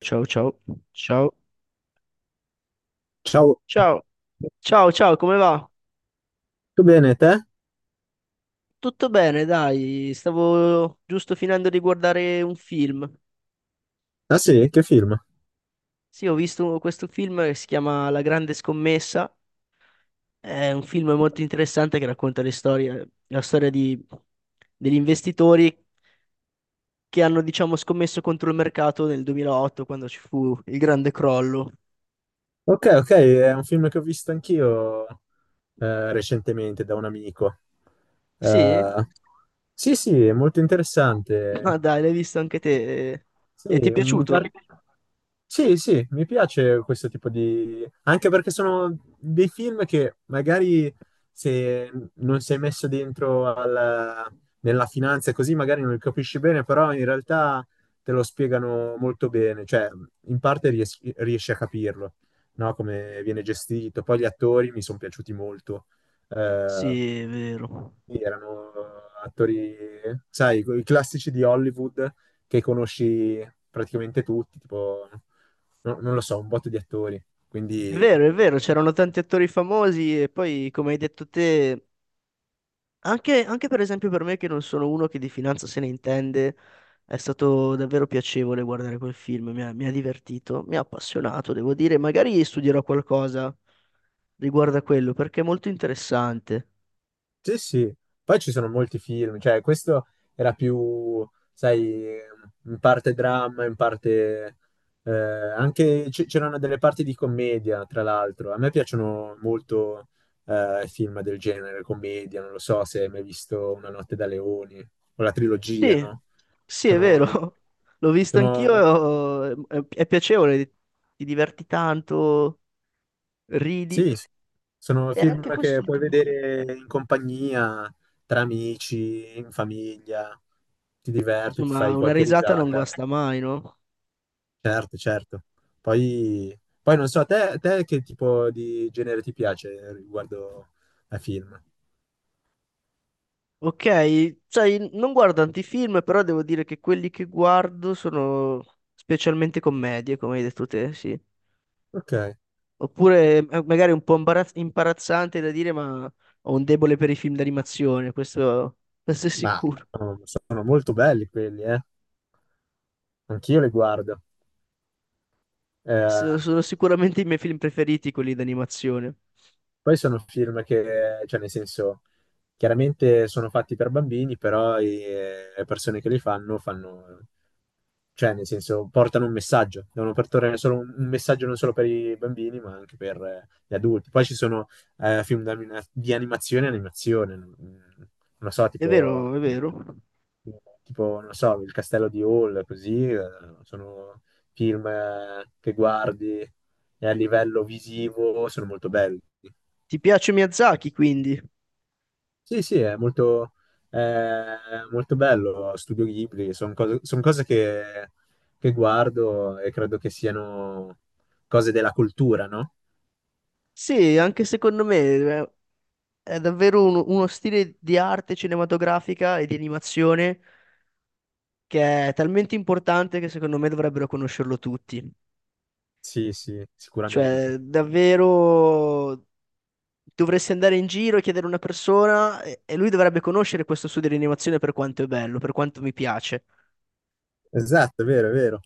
Ciao ciao, ciao, Ciao, ciao, ciao, ciao, come va? tutto bene te? Tutto bene, dai, stavo giusto finendo di guardare un film. Ah sì, che film? Sì, ho visto questo film che si chiama La Grande Scommessa, è un film molto interessante che racconta la storia degli investitori che hanno, diciamo, scommesso contro il mercato nel 2008 quando ci fu il grande crollo. Ok, ok, è un film che ho visto anch'io recentemente da un amico. Sì? Eh, sì, sì, è molto Ma interessante. dai, l'hai visto anche te e Sì, e ti è un piaciuto? par- sì, sì, mi piace questo tipo di, anche perché sono dei film che magari se non sei messo dentro nella finanza e così magari non li capisci bene, però in realtà te lo spiegano molto bene, cioè in parte riesci a capirlo, no? Come viene gestito. Poi gli attori mi sono piaciuti molto. Eh, Sì, è vero. sì, erano attori, sai, i classici di Hollywood che conosci praticamente tutti, tipo non lo so, un botto di attori. È Quindi vero, è vero, c'erano tanti attori famosi e poi, come hai detto te, anche per esempio per me che non sono uno che di finanza se ne intende, è stato davvero piacevole guardare quel film, mi ha divertito, mi ha appassionato, devo dire, magari studierò qualcosa riguardo a quello perché è molto interessante. sì, sì. Poi ci sono molti film, cioè questo era più, sai, in parte dramma, in parte anche c'erano delle parti di commedia, tra l'altro. A me piacciono molto film del genere, commedia, non lo so se hai mai visto Una notte da leoni o la trilogia, Sì, no? sì, è vero, Sono, l'ho visto sono anch'io, è piacevole, ti diverti tanto, ridi, Sì, sì, sono e anche film che puoi quest'ultimo film. vedere in compagnia, tra amici, in famiglia, ti diverti, ti fai Insomma, una qualche risata non risata. guasta mai, no? Certo, certo. Poi non so, a te, che tipo di genere ti piace riguardo ai film? Ok, sai, non guardo tanti film, però devo dire che quelli che guardo sono specialmente commedie, come hai detto te, sì. Ok, Oppure magari un po' imbarazzante da dire, ma ho un debole per i film d'animazione, questo è ma sicuro. sono molto belli quelli, eh? Anch'io li guardo. Eh, Sono sicuramente i miei film preferiti, quelli d'animazione. Poi sono film che, cioè nel senso, chiaramente sono fatti per bambini, però le persone che li fanno cioè nel senso, portano un messaggio, devono portare solo un messaggio non solo per i bambini, ma anche per gli adulti. Poi ci sono film di animazione e animazione, non so, È tipo, vero, è vero. tipo, non so, Il Castello di Hall, così, sono film che guardi e a livello visivo sono molto belli. Ti piace Miyazaki, quindi? Sì, sì, è molto, bello. Studio Ghibli, son cose che guardo e credo che siano cose della cultura, no? Sì, anche secondo me. È davvero uno stile di arte cinematografica e di animazione che è talmente importante che secondo me dovrebbero conoscerlo tutti. Sì, sì, sicuramente. Cioè, davvero dovresti andare in giro e chiedere a una persona e lui dovrebbe conoscere questo studio di animazione per quanto è bello, per quanto mi piace. Esatto, è vero, è vero.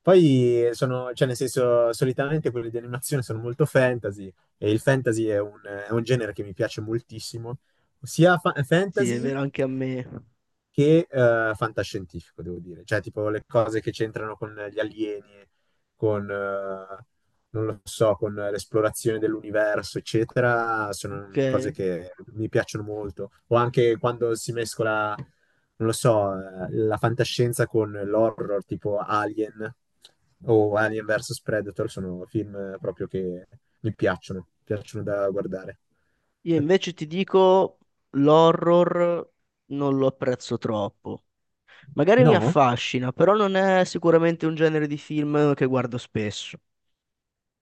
Poi cioè nel senso, solitamente quelli di animazione sono molto fantasy e il fantasy è un genere che mi piace moltissimo, sia Sì, è fantasy vero anche a me. che fantascientifico, devo dire. Cioè, tipo le cose che c'entrano con gli alieni, con, non lo so, con l'esplorazione dell'universo, eccetera, Ok. sono cose che mi piacciono molto. O anche quando si mescola, non lo so, la fantascienza con l'horror, tipo Alien o Alien vs Predator, sono film proprio che mi piacciono da guardare. Io Eh, invece ti dico l'horror non lo apprezzo troppo. Magari mi No? affascina, però non è sicuramente un genere di film che guardo spesso.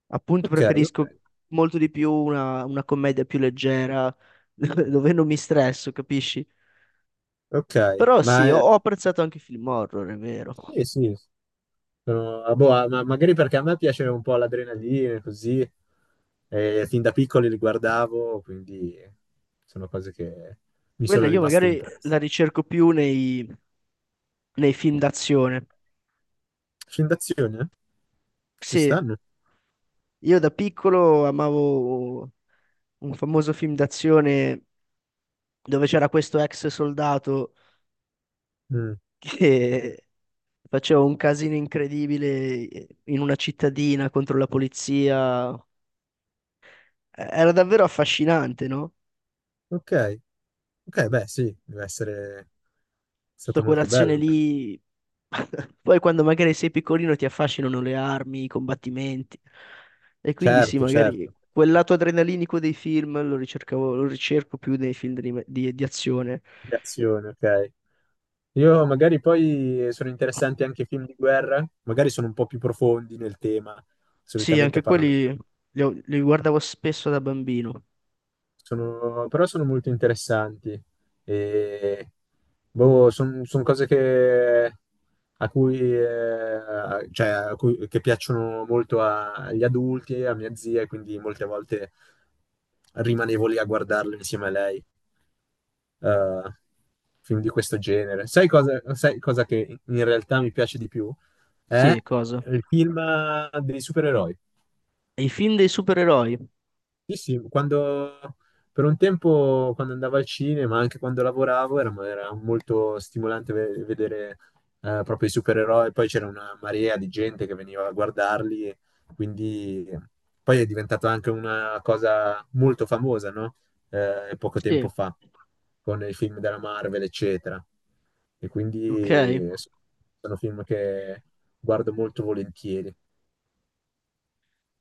Appunto, Ok, ok, preferisco molto di più una commedia più leggera, dove non mi stresso, capisci? ok. Però Ma sì, ho, ho apprezzato anche i film horror, è vero. sì, sì, ah, boh, ah, ma magari perché a me piace un po' l'adrenalina, così, e fin da piccoli li guardavo, quindi sono cose che mi Quella sono io rimaste magari la impresse. ricerco più nei film d'azione. Film d'azione? Ci Sì, stanno? io da piccolo amavo un famoso film d'azione dove c'era questo ex soldato Mm. che faceva un casino incredibile in una cittadina contro la polizia. Era davvero affascinante, no? Ok, ok, beh, sì, deve essere Sta stato molto colazione bello. lì. Poi quando magari sei piccolino ti affascinano le armi, i combattimenti. E quindi sì, Certo, certo, magari quel lato adrenalinico dei film lo ricercavo, lo ricerco più nei film di azione. di azione, ok. Io magari poi sono interessanti anche i film di guerra, magari sono un po' più profondi nel tema, Sì, solitamente anche parlano. quelli li guardavo spesso da bambino. Però sono molto interessanti e boh, sono cose a cui, cioè, che piacciono molto agli adulti, a mia zia, e quindi molte volte rimanevo lì a guardarle insieme a lei, eh, film di questo genere. Sai cosa che in realtà mi piace di più? È Sì, cosa? il film dei supereroi. I film dei supereroi. Sì, sì, quando per un tempo quando andavo al cinema, anche quando lavoravo, era molto stimolante vedere proprio i supereroi. Poi c'era una marea di gente che veniva a guardarli, e quindi poi è diventata anche una cosa molto famosa, no? Poco tempo Sì, fa, con i film della Marvel, eccetera. E ok. quindi sono film che guardo molto volentieri.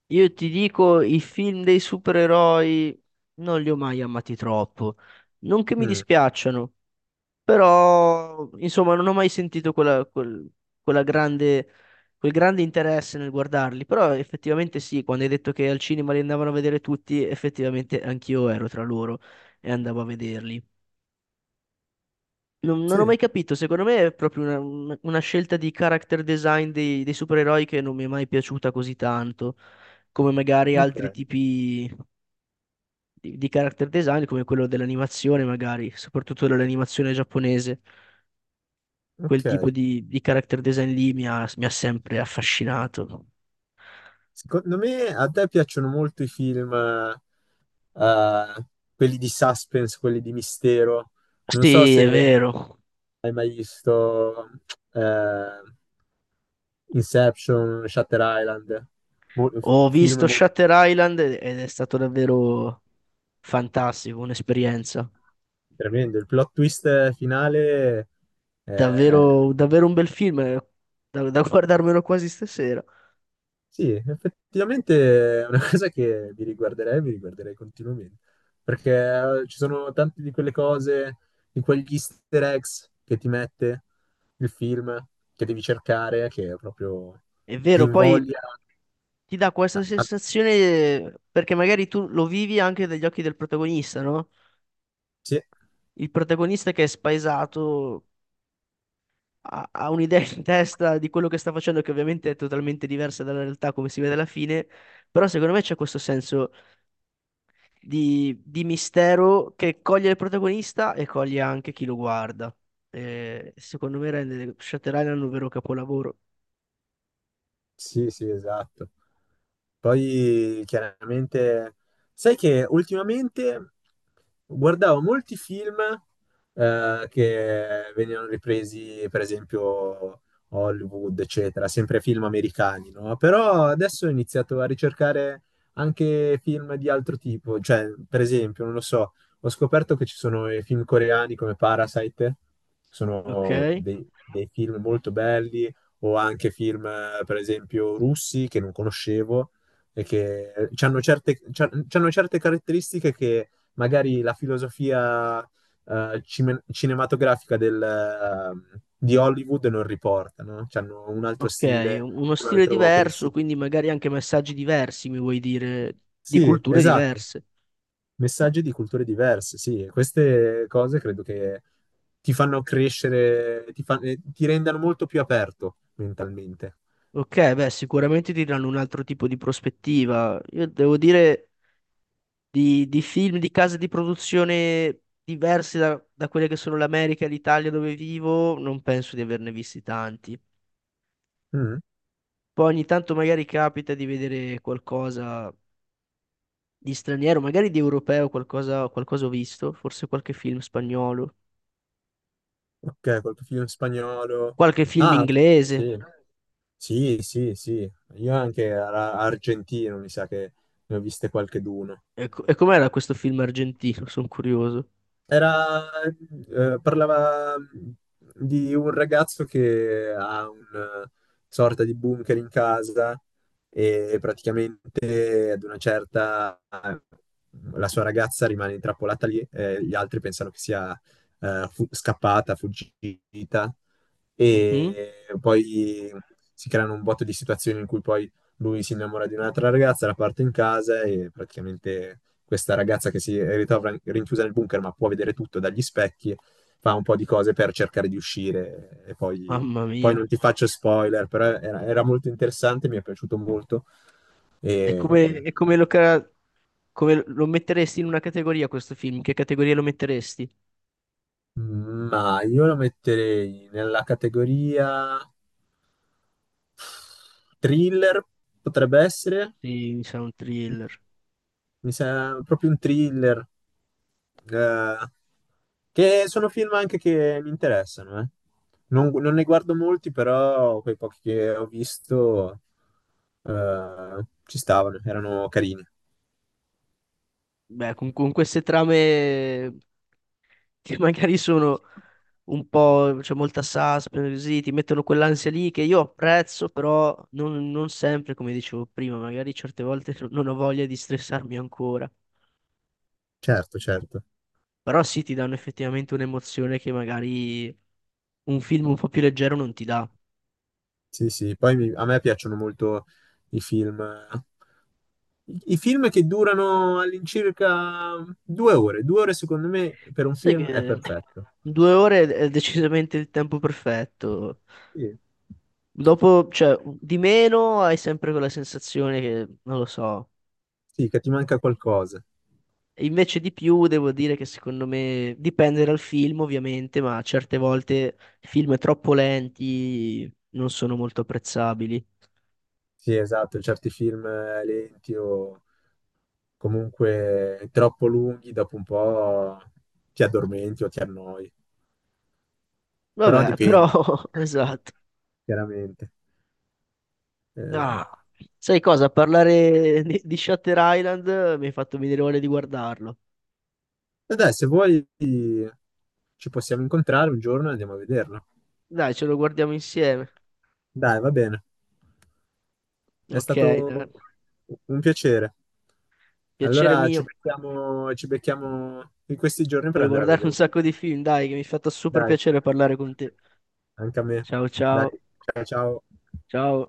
Io ti dico, i film dei supereroi non li ho mai amati troppo. Non che mi Mm, dispiacciano. Però, insomma, non ho mai sentito quella, quel, quella grande, quel grande interesse nel guardarli. Però effettivamente sì, quando hai detto che al cinema li andavano a vedere tutti, effettivamente anch'io ero tra loro e andavo a vederli. Non ho sì, mai capito, secondo me è proprio una scelta di character design dei supereroi che non mi è mai piaciuta così tanto, come magari altri ok, tipi di character design, come quello dell'animazione, magari, soprattutto dell'animazione giapponese. Quel tipo ok. di character design lì mi ha sempre affascinato. Secondo me a te piacciono molto i film, quelli di suspense, quelli di mistero. Non so Sì, è se vero. hai mai visto eh, Inception, Shutter Island, Mo- Ho film visto molto Shutter Island ed è stato davvero fantastico, un'esperienza. tremendo. Il plot twist finale eh, Davvero, davvero un bel film, da guardarmelo quasi stasera. Sì, effettivamente è una cosa che mi riguarderei continuamente, perché ci sono tante di quelle cose, di quegli easter eggs che ti mette il film, che devi cercare, che proprio È ti vero, poi invoglia ti dà a, questa a- sensazione, perché magari tu lo vivi anche dagli occhi del protagonista, no? sì. Il protagonista che è spaesato ha un'idea in testa di quello che sta facendo, che ovviamente è totalmente diversa dalla realtà, come si vede alla fine. Però secondo me c'è questo senso di mistero che coglie il protagonista e coglie anche chi lo guarda. E secondo me rende Shutter Island un vero capolavoro. Sì, sì, esatto. Poi chiaramente, sai che ultimamente guardavo molti film che venivano ripresi, per esempio, Hollywood, eccetera, sempre film americani, no? Però adesso ho iniziato a ricercare anche film di altro tipo, cioè, per esempio, non lo so, ho scoperto che ci sono i film coreani come Parasite, sono Ok? dei film molto belli o anche film, per esempio, russi che non conoscevo e che hanno certe, c'hanno certe caratteristiche che magari la filosofia cinematografica di Hollywood non riporta, no? C'hanno un altro Ok, stile, uno un stile altro diverso, pensiero. quindi magari anche messaggi diversi, mi vuoi dire, di Sì, culture esatto. diverse. Messaggi di culture diverse, sì, e queste cose credo che ti fanno crescere, ti rendano molto più aperto mentalmente. Ok, beh, sicuramente ti danno un altro tipo di prospettiva. Io devo dire, di film, di case di produzione diverse da quelle che sono l'America e l'Italia dove vivo, non penso di averne visti tanti. Mm. Poi ogni tanto magari capita di vedere qualcosa di straniero, magari di europeo, qualcosa ho visto, forse qualche film spagnolo, Ok, col tuo film spagnolo. qualche film Ah, inglese. sì, sì, sì, sì. Io anche argentino, mi sa che ne ho viste qualcheduno. E com'era questo film argentino? Sono curioso. Era, Parlava di un ragazzo che ha una sorta di bunker in casa e praticamente ad una certa la sua ragazza rimane intrappolata lì e gli altri pensano che sia scappata, fuggita Mhm. e poi si creano un botto di situazioni in cui poi lui si innamora di un'altra ragazza, la parte in casa e praticamente questa ragazza che si ritrova rinchiusa nel bunker ma può vedere tutto dagli specchi, fa un po' di cose per cercare di uscire e poi, Mamma poi mia. non ti faccio spoiler, però era molto interessante, mi è piaciuto molto. E E- come lo metteresti in una categoria questo film? In che categoria lo metteresti? Ma io lo metterei nella categoria thriller, potrebbe essere. Sì, mi sa un thriller. Mi sembra proprio un thriller, eh, che sono film anche che mi interessano, eh. Non ne guardo molti, però quei pochi che ho visto, ci stavano, erano carini. Beh, con queste trame che magari sono un po', c'è molta suspense, così, ti mettono quell'ansia lì che io apprezzo, però non sempre, come dicevo prima, magari certe volte non ho voglia di stressarmi ancora. Certo, certo. Però sì, ti danno effettivamente un'emozione che magari un film un po' più leggero non ti dà. Sì, sì, poi a me piacciono molto i film, i film, che durano all'incirca 2 ore. Due ore, secondo me, per un Sai film è che perfetto. 2 ore è decisamente il tempo perfetto. Sì, Dopo, cioè, di meno hai sempre quella sensazione che, non lo so. sì, che ti manca qualcosa. Invece di più devo dire che secondo me dipende dal film ovviamente, ma certe volte film troppo lenti non sono molto apprezzabili. Sì, esatto, certi film lenti o comunque troppo lunghi, dopo un po' ti addormenti o ti annoi, però Vabbè, però dipende, esatto. chiaramente. Eh, Ah, sai cosa? Parlare di Shutter Island mi hai fatto venire voglia di guardarlo. e dai, se vuoi ci possiamo incontrare un giorno e andiamo a vederlo. Dai, ce lo guardiamo insieme. Dai, va bene, è Ok, stato un piacere. piacere Allora ci mio becchiamo, ci becchiamo in questi giorni per per andare a guardare vedere un un film. sacco di film, dai, che mi è fatto super Dai, piacere parlare con te. anche a me. Ciao Dai, ciao, ciao ciao. ciao.